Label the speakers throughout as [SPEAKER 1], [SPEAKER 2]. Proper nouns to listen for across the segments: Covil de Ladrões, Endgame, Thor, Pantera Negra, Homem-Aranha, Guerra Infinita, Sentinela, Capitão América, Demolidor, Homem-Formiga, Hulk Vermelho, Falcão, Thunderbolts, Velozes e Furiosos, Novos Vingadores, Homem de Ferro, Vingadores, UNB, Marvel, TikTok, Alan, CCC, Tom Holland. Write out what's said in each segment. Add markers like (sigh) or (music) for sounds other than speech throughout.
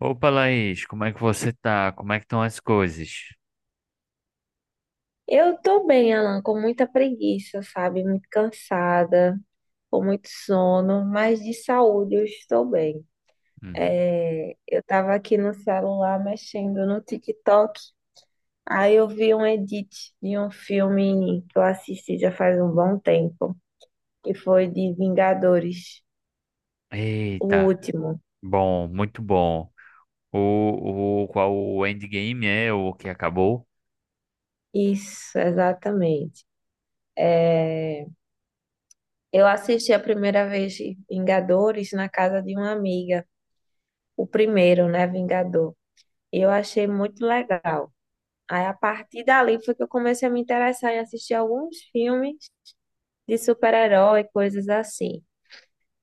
[SPEAKER 1] Opa, Laís, como é que você tá? Como é que estão as coisas?
[SPEAKER 2] Eu tô bem, Alan, com muita preguiça, sabe? Muito cansada, com muito sono, mas de saúde eu estou bem.
[SPEAKER 1] Uhum.
[SPEAKER 2] É, eu tava aqui no celular mexendo no TikTok, aí eu vi um edit de um filme que eu assisti já faz um bom tempo, que foi de Vingadores, o
[SPEAKER 1] Eita,
[SPEAKER 2] último.
[SPEAKER 1] bom, muito bom. O qual o Endgame é o que acabou?
[SPEAKER 2] Isso, exatamente. É, eu assisti a primeira vez Vingadores na casa de uma amiga, o primeiro, né, Vingador. Eu achei muito legal. Aí a partir dali foi que eu comecei a me interessar em assistir alguns filmes de super-herói, coisas assim.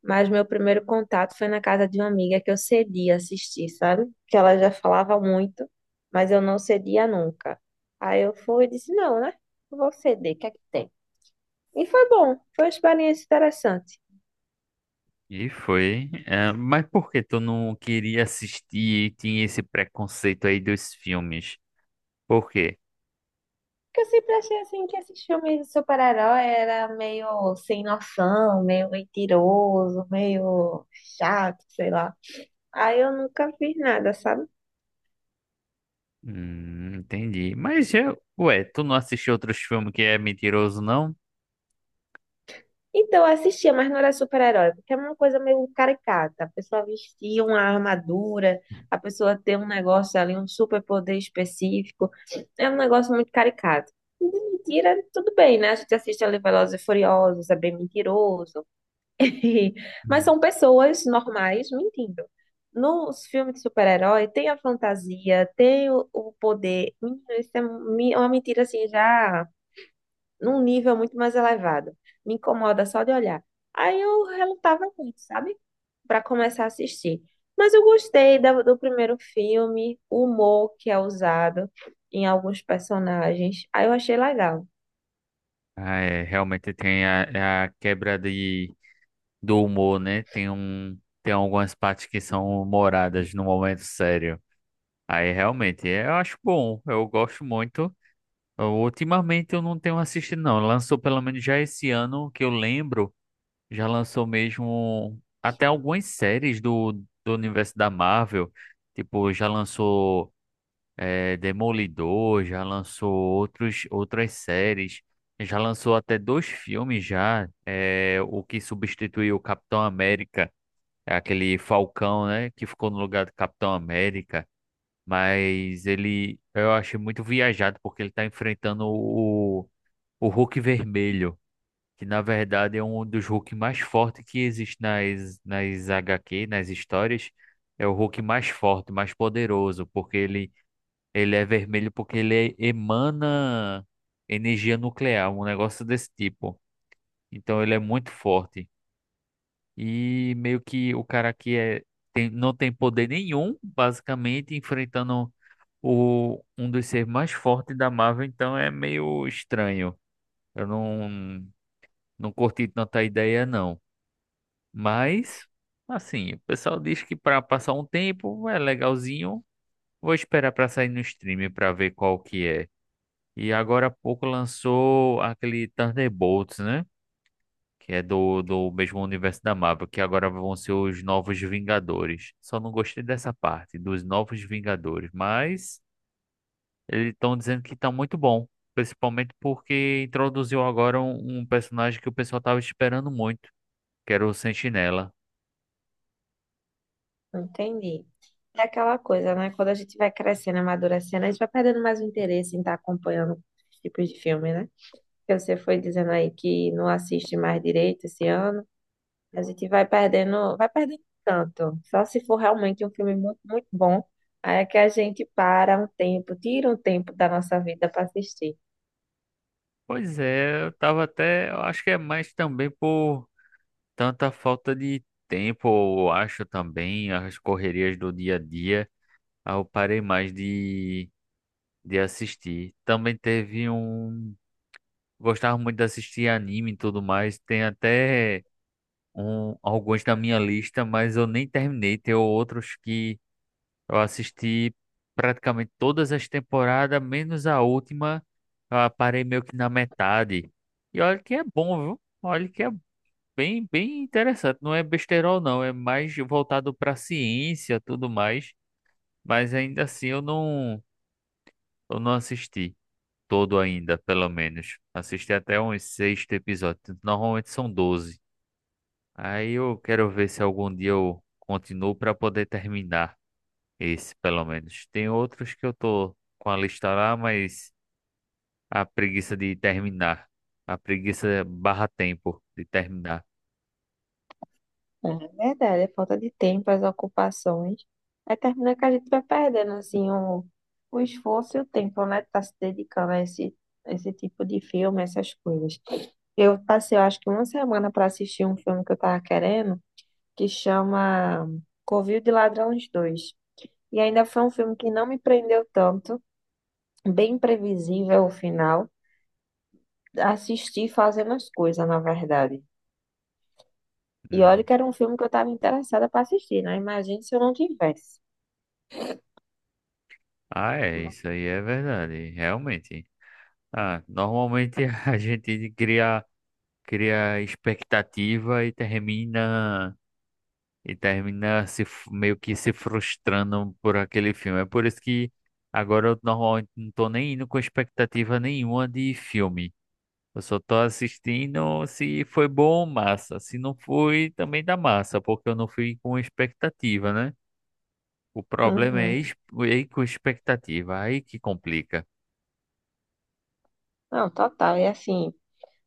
[SPEAKER 2] Mas meu primeiro contato foi na casa de uma amiga que eu cedia assistir, sabe? Que ela já falava muito, mas eu não cedia nunca. Aí eu fui e disse, não, né? Não vou ceder, o que é que tem? E foi bom, foi uma experiência interessante.
[SPEAKER 1] E foi. Mas por que tu não queria assistir e tinha esse preconceito aí dos filmes? Por quê?
[SPEAKER 2] Porque eu sempre achei assim que esses filmes de super-herói era meio sem noção, meio mentiroso, meio chato, sei lá. Aí eu nunca fiz nada, sabe?
[SPEAKER 1] Entendi. Mas, ué, tu não assistiu outros filmes que é mentiroso, não?
[SPEAKER 2] Então eu assistia, mas não era super-herói, porque é uma coisa meio caricata. A pessoa vestia uma armadura, a pessoa tem um negócio ali, um super-poder específico. É um negócio muito caricato. E de mentira, tudo bem, né? A gente assiste ali Velozes e Furiosos, é bem mentiroso. (laughs) Mas
[SPEAKER 1] Hum.
[SPEAKER 2] são pessoas normais mentindo. Nos filmes de super-herói tem a fantasia, tem o poder. Menino, isso é é uma mentira assim, já num nível muito mais elevado. Me incomoda só de olhar. Aí eu relutava muito, sabe? Para começar a assistir. Mas eu gostei do primeiro filme, o humor que é usado em alguns personagens. Aí eu achei legal.
[SPEAKER 1] Ah, é, realmente tem a quebra de do humor, né? Tem algumas partes que são humoradas no momento sério. Aí realmente, eu acho bom, eu gosto muito. Ultimamente eu não tenho assistido, não. Lançou pelo menos já esse ano, que eu lembro, já lançou mesmo até algumas séries do universo da Marvel. Tipo, já lançou Demolidor, já lançou outras séries. Já lançou até dois filmes já, o que substituiu o Capitão América é aquele Falcão, né? Que ficou no lugar do Capitão América. Mas ele, eu achei muito viajado, porque ele tá enfrentando o Hulk Vermelho, que na verdade é um dos Hulk mais fortes que existe nas HQ, nas histórias. É o Hulk mais forte, mais poderoso, ele é vermelho, porque ele emana energia nuclear, um negócio desse tipo. Então ele é muito forte. E meio que o cara que é, tem, não tem poder nenhum, basicamente, enfrentando um dos seres mais fortes da Marvel, então é meio estranho. Eu não, não curti tanta ideia, não. Mas, assim, o pessoal diz que para passar um tempo é legalzinho. Vou esperar para sair no stream para ver qual que é. E agora há pouco lançou aquele Thunderbolts, né? que é do mesmo universo da Marvel, que agora vão ser os Novos Vingadores. Só não gostei dessa parte, dos Novos Vingadores, mas eles estão dizendo que tá muito bom, principalmente porque introduziu agora um personagem que o pessoal tava esperando muito, que era o Sentinela.
[SPEAKER 2] Entendi. É aquela coisa, né? Quando a gente vai crescendo, amadurecendo, a gente vai perdendo mais o interesse em estar acompanhando os tipos de filme, né? Porque você foi dizendo aí que não assiste mais direito esse ano. A gente vai perdendo tanto. Só se for realmente um filme muito, muito bom, aí é que a gente para um tempo, tira um tempo da nossa vida para assistir.
[SPEAKER 1] Pois é, eu acho que é mais também por tanta falta de tempo, eu acho também, as correrias do dia a dia, aí eu parei mais de assistir. Também teve um. Gostava muito de assistir anime e tudo mais. Tem até alguns na minha lista, mas eu nem terminei. Tem outros que eu assisti praticamente todas as temporadas, menos a última. Eu parei meio que na metade. E olha que é bom, viu? Olha que é bem interessante. Não é besterol, não. É mais voltado pra ciência tudo mais. Mas ainda assim eu não assisti todo ainda, pelo menos. Assisti até uns sexto episódio. Normalmente são doze. Aí eu quero ver se algum dia eu continuo para poder terminar esse, pelo menos. Tem outros que eu tô com a lista lá, mas a preguiça de terminar. A preguiça barra tempo de terminar.
[SPEAKER 2] É verdade, é falta de tempo, as ocupações. Aí termina que a gente vai perdendo assim o esforço e o tempo, né? De tá se dedicando a esse, esse tipo de filme, essas coisas. Eu passei, eu acho que uma semana para assistir um filme que eu tava querendo, que chama Covil de Ladrões dois. E ainda foi um filme que não me prendeu tanto, bem imprevisível o final. Assisti fazendo as coisas, na verdade. E olha
[SPEAKER 1] Hum.
[SPEAKER 2] que era um filme que eu estava interessada para assistir, né? Imagina se eu não tivesse.
[SPEAKER 1] Ah, é, isso aí é verdade, realmente. Ah, normalmente (laughs) a gente cria, cria expectativa e termina. E termina se f- meio que se frustrando por aquele filme. É por isso que agora eu normalmente não tô nem indo com expectativa nenhuma de filme. Eu só tô assistindo se foi bom, massa. Se não foi, também dá massa, porque eu não fui com expectativa, né? O problema é
[SPEAKER 2] Uhum.
[SPEAKER 1] ir com expectativa, aí que complica.
[SPEAKER 2] Não, total. E assim,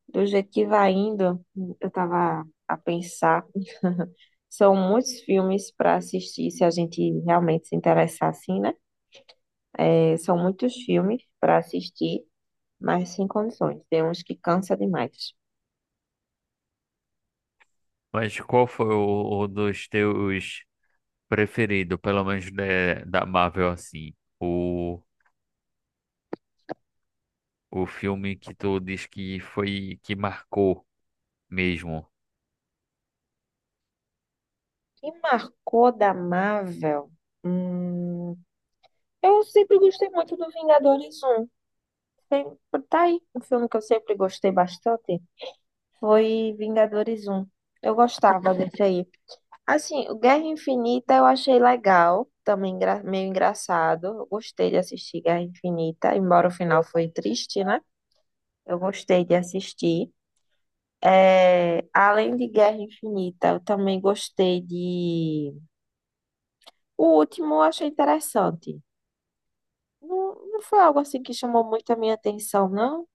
[SPEAKER 2] do jeito que vai indo, eu tava a pensar, são muitos filmes para assistir, se a gente realmente se interessar assim, né? É, são muitos filmes para assistir, mas sem condições. Tem uns que cansa demais.
[SPEAKER 1] Mas qual foi o dos teus preferido, pelo menos da Marvel assim? O filme que tu diz que foi que marcou mesmo.
[SPEAKER 2] Que marcou da Marvel? Hum, eu sempre gostei muito do Vingadores um. Sempre, tá aí, um filme que eu sempre gostei bastante foi Vingadores um. Eu gostava desse aí. Assim, o Guerra Infinita eu achei legal, também meio engraçado. Eu gostei de assistir Guerra Infinita, embora o final foi triste, né? Eu gostei de assistir. É, além de Guerra Infinita, eu também gostei de. O último eu achei interessante. Não, não foi algo assim que chamou muito a minha atenção, não,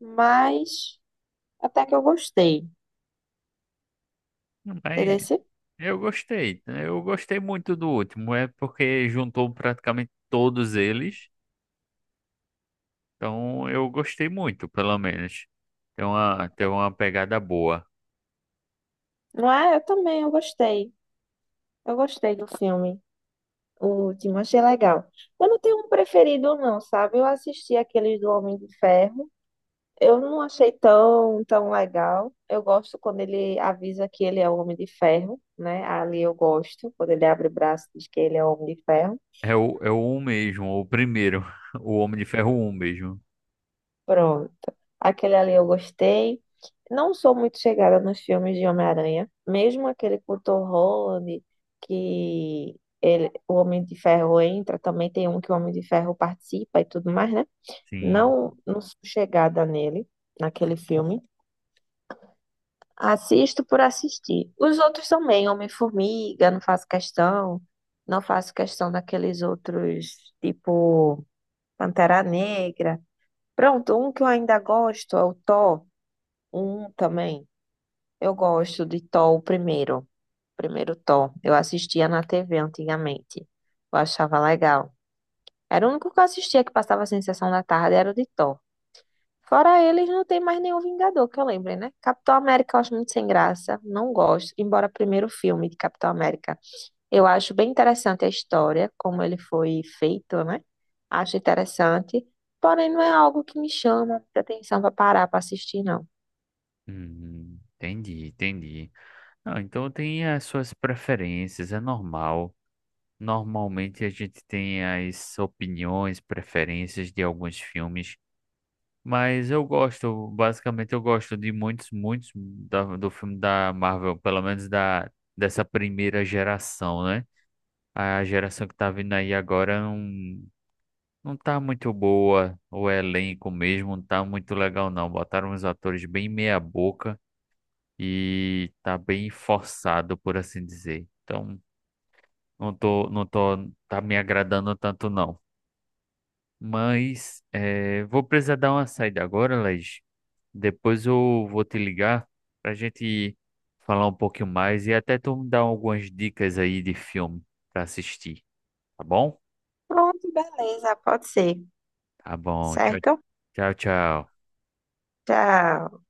[SPEAKER 2] mas até que eu gostei,
[SPEAKER 1] Mas
[SPEAKER 2] entendeu?
[SPEAKER 1] eu gostei, né? Eu gostei muito do último. É porque juntou praticamente todos eles. Então eu gostei muito, pelo menos. Tem uma pegada boa.
[SPEAKER 2] Não é? Eu também, eu gostei. Eu gostei do filme. O último, achei legal. Eu não tenho um preferido, não, sabe? Eu assisti aqueles do Homem de Ferro. Eu não achei tão, tão legal. Eu gosto quando ele avisa que ele é o Homem de Ferro, né? Ali eu gosto, quando ele abre o braço e diz que ele é o Homem de Ferro.
[SPEAKER 1] É o um mesmo, o primeiro. (laughs) O Homem de Ferro um mesmo.
[SPEAKER 2] Pronto. Aquele ali eu gostei. Não sou muito chegada nos filmes de Homem-Aranha. Mesmo aquele com o Tom Holland, que ele, o Homem de Ferro entra, também tem um que o Homem de Ferro participa e tudo mais, né?
[SPEAKER 1] Sim.
[SPEAKER 2] Não, não sou chegada nele, naquele filme. Assisto por assistir. Os outros também, Homem-Formiga, não faço questão. Não faço questão daqueles outros, tipo Pantera Negra. Pronto, um que eu ainda gosto é o Thor, um também. Eu gosto de Thor, o primeiro. Primeiro Thor. Eu assistia na TV antigamente. Eu achava legal. Era o único que eu assistia que passava a sensação da tarde, era o de Thor. Fora eles, não tem mais nenhum Vingador que eu lembre, né? Capitão América eu acho muito sem graça, não gosto, embora primeiro filme de Capitão América. Eu acho bem interessante a história, como ele foi feito, né? Acho interessante, porém não é algo que me chama muita atenção para parar para assistir, não.
[SPEAKER 1] Entendi, entendi. Não, então tem as suas preferências, é normal. Normalmente a gente tem as opiniões, preferências de alguns filmes, mas eu gosto, basicamente eu gosto de muitos, muitos do filme da Marvel, pelo menos da dessa primeira geração, né? A geração que tá vindo aí agora não, não tá muito boa, o elenco mesmo não tá muito legal não. Botaram uns atores bem meia boca e tá bem forçado, por assim dizer. Então, não tô, tá me agradando tanto não. Mas vou precisar dar uma saída agora, Laís. Depois eu vou te ligar pra gente falar um pouquinho mais e até tu me dar algumas dicas aí de filme pra assistir, tá bom?
[SPEAKER 2] Pronto, beleza, pode ser,
[SPEAKER 1] Tá bom. Tchau,
[SPEAKER 2] certo?
[SPEAKER 1] tchau, tchau.
[SPEAKER 2] Tchau.